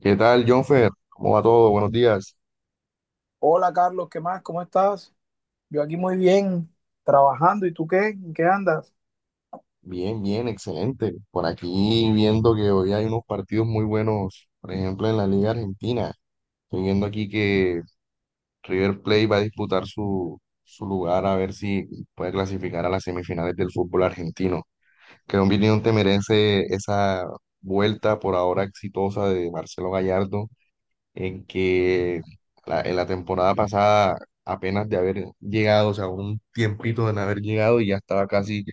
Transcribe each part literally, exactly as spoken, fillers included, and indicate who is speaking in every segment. Speaker 1: ¿Qué tal, Jonfer? ¿Cómo va todo? Buenos días.
Speaker 2: Hola Carlos, ¿qué más? ¿Cómo estás? Yo aquí muy bien, trabajando. ¿Y tú qué? ¿En qué andas?
Speaker 1: Bien, bien, excelente. Por aquí viendo que hoy hay unos partidos muy buenos, por ejemplo, en la Liga Argentina. Estoy viendo aquí que River Plate va a disputar su, su lugar a ver si puede clasificar a las semifinales del fútbol argentino. ¿Qué opinión te merece esa vuelta por ahora exitosa de Marcelo Gallardo en que la- en la temporada pasada, apenas de haber llegado, o sea, un tiempito de no haber llegado y ya estaba casi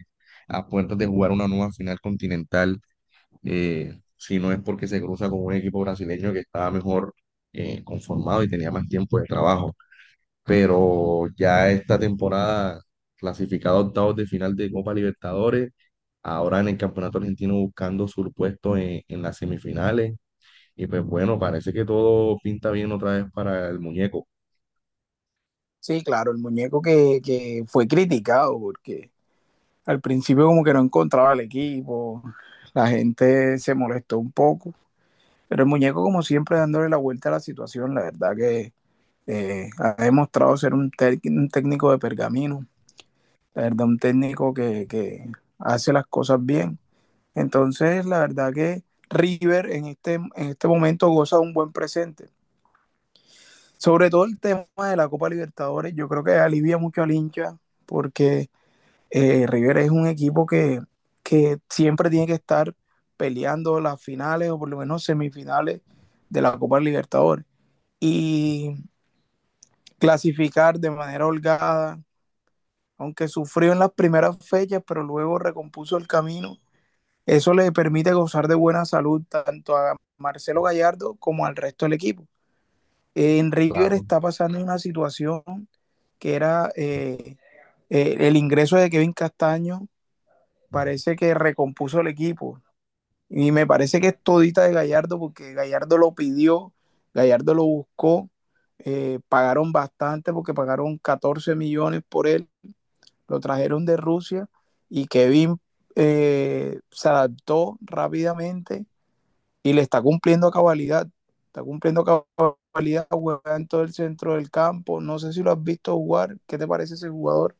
Speaker 1: a puertas de jugar una nueva final continental, eh, si no es porque se cruza con un equipo brasileño que estaba mejor eh, conformado y tenía más tiempo de trabajo? Pero ya esta temporada, clasificado a octavos de final de Copa Libertadores, ahora en el Campeonato Argentino buscando su puesto en en las semifinales y pues bueno, parece que todo pinta bien otra vez para el muñeco.
Speaker 2: Sí, claro, el muñeco que, que fue criticado porque al principio como que no encontraba el equipo, la gente se molestó un poco, pero el muñeco como siempre dándole la vuelta a la situación, la verdad que eh, ha demostrado ser un, tec- un técnico de pergamino, la verdad un técnico que, que hace las cosas bien. Entonces, la verdad que River en este, en este momento goza de un buen presente. Sobre todo el tema de la Copa Libertadores, yo creo que alivia mucho al hincha porque eh, River es un equipo que, que siempre tiene que estar peleando las finales o por lo menos semifinales de la Copa Libertadores y clasificar de manera holgada, aunque sufrió en las primeras fechas, pero luego recompuso el camino. Eso le permite gozar de buena salud tanto a Marcelo Gallardo como al resto del equipo. En River
Speaker 1: Claro.
Speaker 2: está pasando una situación que era eh, eh, el ingreso de Kevin Castaño, parece que recompuso el equipo. Y me parece que es todita de Gallardo porque Gallardo lo pidió, Gallardo lo buscó, eh, pagaron bastante porque pagaron catorce millones por él, lo trajeron de Rusia y Kevin eh, se adaptó rápidamente y le está cumpliendo a cabalidad. Está cumpliendo a cabalidad, juega en todo el centro del campo. No sé si lo has visto jugar. ¿Qué te parece ese jugador?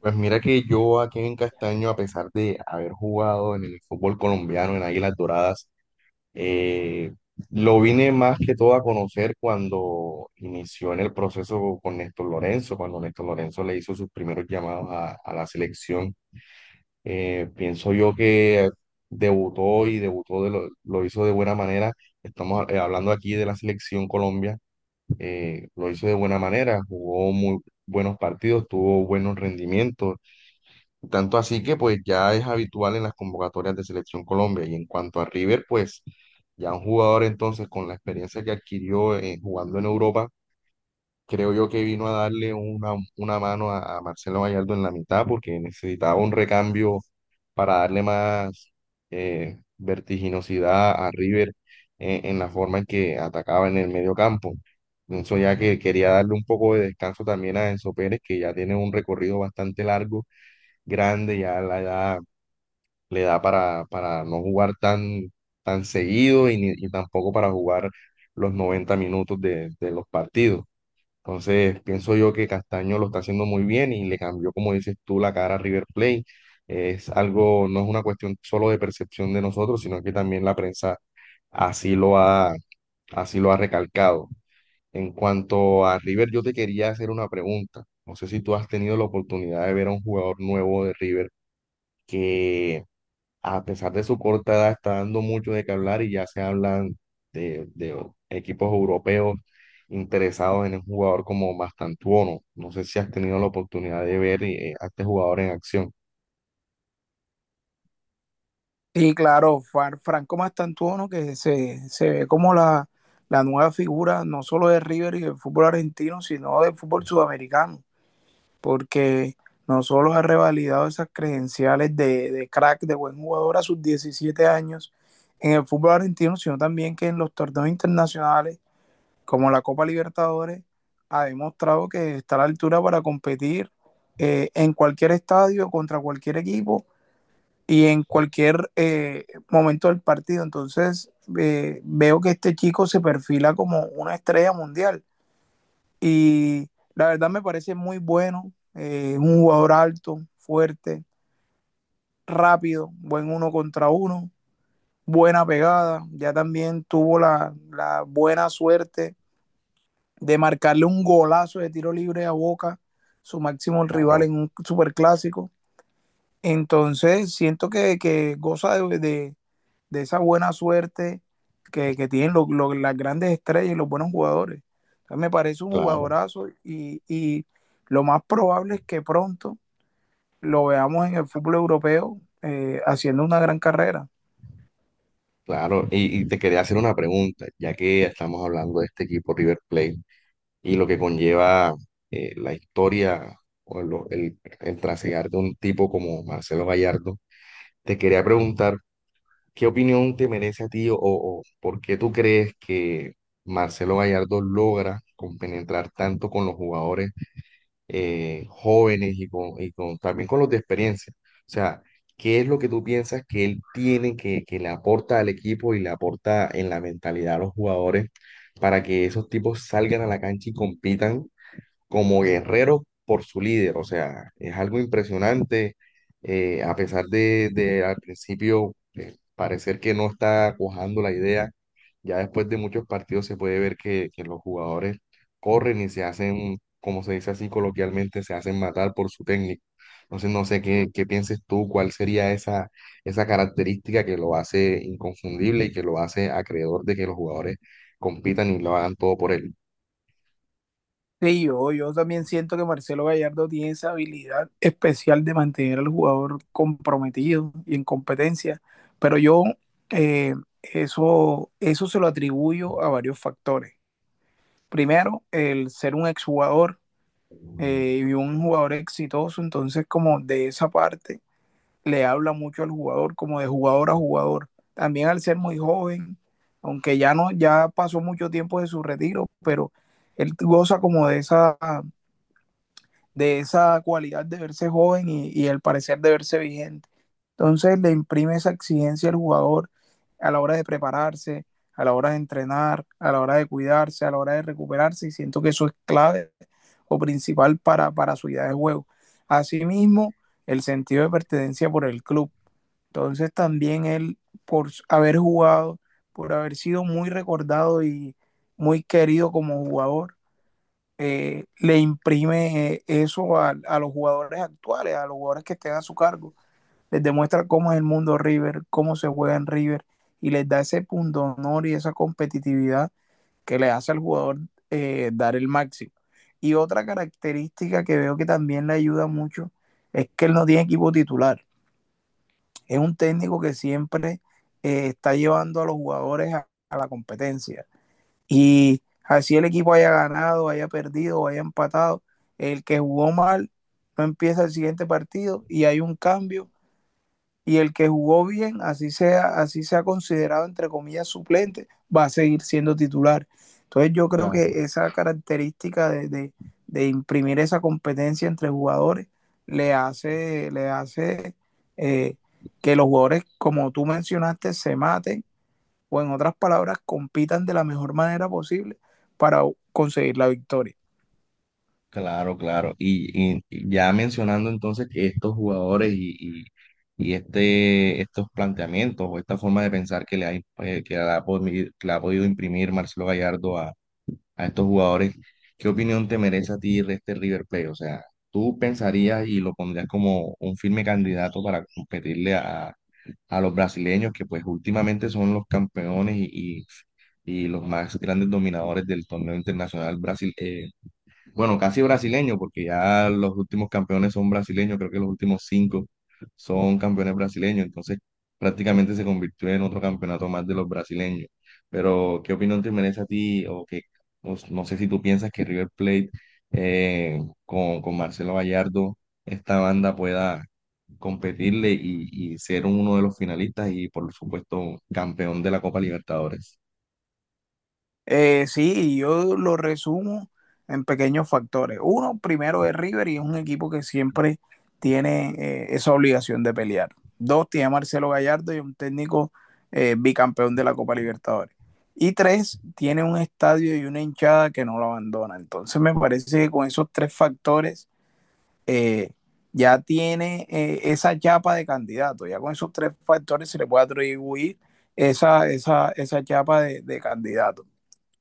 Speaker 1: Pues mira que yo aquí en Castaño, a pesar de haber jugado en el fútbol colombiano, en Águilas Doradas, eh, lo vine más que todo a conocer cuando inició en el proceso con Néstor Lorenzo, cuando Néstor Lorenzo le hizo sus primeros llamados a, a la selección. Eh, pienso yo que debutó y debutó de lo, lo hizo de buena manera. Estamos eh, hablando aquí de la selección Colombia, eh, lo hizo de buena manera, jugó muy buenos partidos, tuvo buenos rendimientos, tanto así que pues ya es habitual en las convocatorias de Selección Colombia. Y en cuanto a River, pues ya un jugador entonces con la experiencia que adquirió eh, jugando en Europa, creo yo que vino a darle una, una mano a, a Marcelo Gallardo en la mitad porque necesitaba un recambio para darle más eh, vertiginosidad a River en, en la forma en que atacaba en el medio campo. Pienso ya que quería darle un poco de descanso también a Enzo Pérez, que ya tiene un recorrido bastante largo, grande, ya la edad le da para, para no jugar tan, tan seguido y, ni- y tampoco para jugar los noventa minutos de de los partidos. Entonces, pienso yo que Castaño lo está haciendo muy bien y le cambió, como dices tú, la cara a River Plate. Es algo, no es una cuestión solo de percepción de nosotros, sino que también la prensa así lo ha, así lo ha recalcado. En cuanto a River, yo te quería hacer una pregunta. No sé si tú has tenido la oportunidad de ver a un jugador nuevo de River que a pesar de su corta edad, está dando mucho de qué hablar y ya se hablan de, de equipos europeos interesados en un jugador como Mastantuono. No sé si has tenido la oportunidad de ver eh, a este jugador en acción.
Speaker 2: Y claro, Franco Mastantuono, que se, se ve como la, la nueva figura no solo de River y del fútbol argentino, sino del fútbol sudamericano, porque no solo ha revalidado esas credenciales de, de, crack, de buen jugador a sus diecisiete años en el fútbol argentino, sino también que en los torneos internacionales como la Copa Libertadores ha demostrado que está a la altura para competir eh, en cualquier estadio, contra cualquier equipo y en cualquier eh, momento del partido. Entonces eh, veo que este chico se perfila como una estrella mundial y la verdad me parece muy bueno. Eh, es un jugador alto, fuerte, rápido, buen uno contra uno, buena pegada, ya también tuvo la, la buena suerte de marcarle un golazo de tiro libre a Boca, su máximo
Speaker 1: Claro,
Speaker 2: rival en un superclásico. Entonces, siento que, que goza de, de, de, esa buena suerte que, que tienen lo, lo, las grandes estrellas y los buenos jugadores. Entonces, me parece un
Speaker 1: claro,
Speaker 2: jugadorazo y, y, lo más probable es que pronto lo veamos en el fútbol europeo eh, haciendo una gran carrera.
Speaker 1: claro. Y, y te quería hacer una pregunta, ya que estamos hablando de este equipo River Plate y lo que conlleva eh, la historia o lo- el, el trasegar de un tipo como Marcelo Gallardo. Te quería preguntar: ¿qué opinión te merece a ti o, o por qué tú crees que Marcelo Gallardo logra compenetrar tanto con los jugadores eh, jóvenes y, con, y con- también con los de experiencia? O sea, ¿qué es lo que tú piensas que él tiene, que, que le aporta al equipo y le aporta en la mentalidad a los jugadores para que esos tipos salgan a la cancha y compitan como guerrero por su líder? O sea, es algo impresionante, eh, a pesar de, de al principio eh, parecer que no está cuajando la idea, ya después de muchos partidos se puede ver que, que los jugadores corren y se hacen, como se dice así coloquialmente, se hacen matar por su técnico. Entonces, no sé qué, qué pienses tú, cuál sería esa, esa característica que lo hace inconfundible y que lo hace acreedor de que los jugadores compitan y lo hagan todo por él.
Speaker 2: Sí, yo, yo también siento que Marcelo Gallardo tiene esa habilidad especial de mantener al jugador comprometido y en competencia, pero yo eh, eso, eso se lo atribuyo a varios factores. Primero, el ser un exjugador eh, y un jugador exitoso, entonces como de esa parte le habla mucho al jugador, como de jugador a jugador. También al ser muy joven, aunque ya no, ya pasó mucho tiempo de su retiro, pero él goza como de esa de esa cualidad de verse joven y, y el parecer de verse vigente. Entonces le imprime esa exigencia al jugador a la hora de prepararse, a la hora de entrenar, a la hora de cuidarse, a la hora de recuperarse, y siento que eso es clave o principal para, para su idea de juego. Asimismo, el sentido de pertenencia por el club. Entonces también él, por haber jugado, por haber sido muy recordado y muy querido como jugador, eh, le imprime eso a, a, los jugadores actuales, a los jugadores que estén a su cargo. Les demuestra cómo es el mundo River, cómo se juega en River y les da ese punto honor y esa competitividad que le hace al jugador eh, dar el máximo. Y otra característica que veo que también le ayuda mucho es que él no tiene equipo titular. Es un técnico que siempre eh, está llevando a los jugadores a, a la competencia. Y así el equipo haya ganado, haya perdido, haya empatado, el que jugó mal no empieza el siguiente partido y hay un cambio. Y el que jugó bien, así sea, así sea considerado entre comillas suplente, va a seguir siendo titular. Entonces yo creo que esa característica de, de, de imprimir esa competencia entre jugadores le hace, le hace eh, que los jugadores, como tú mencionaste, se maten o en otras palabras, compitan de la mejor manera posible para conseguir la victoria.
Speaker 1: Claro, claro. Y, y- y ya mencionando entonces que estos jugadores y, y- y este, estos planteamientos o esta forma de pensar que le ha, eh, que le ha, podi- que le ha podido imprimir Marcelo Gallardo a, a estos jugadores, ¿qué opinión te merece a ti de este River Plate? O sea, ¿tú pensarías y lo pondrías como un firme candidato para competirle a, a los brasileños que pues últimamente son los campeones y, y- y los más grandes dominadores del torneo internacional Brasil, eh, bueno, casi brasileño, porque ya los últimos campeones son brasileños, creo que los últimos cinco son campeones brasileños, entonces prácticamente se convirtió en otro campeonato más de los brasileños. Pero, ¿qué opinión te merece a ti? O que, o s- no sé si tú piensas que River Plate eh, con, con Marcelo Gallardo, esta banda pueda competirle y, y ser uno de los finalistas y, por supuesto, campeón de la Copa Libertadores.
Speaker 2: Eh, sí, yo lo resumo en pequeños factores. Uno, primero es River y es un equipo que siempre tiene eh, esa obligación de pelear. Dos, tiene a Marcelo Gallardo y un técnico eh, bicampeón de la Copa Libertadores. Y tres, tiene un estadio y una hinchada que no lo abandona. Entonces me parece que con esos tres factores eh, ya tiene eh, esa chapa de candidato. Ya con esos tres factores se le puede atribuir esa, esa, esa chapa de, de candidato.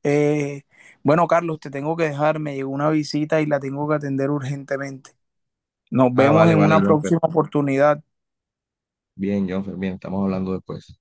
Speaker 2: Eh, bueno, Carlos, te tengo que dejar, me llegó una visita y la tengo que atender urgentemente. Nos
Speaker 1: Ah,
Speaker 2: vemos
Speaker 1: vale,
Speaker 2: en
Speaker 1: vale,
Speaker 2: una
Speaker 1: Jonfer.
Speaker 2: próxima oportunidad.
Speaker 1: Bien, Jonfer, bien, estamos hablando después.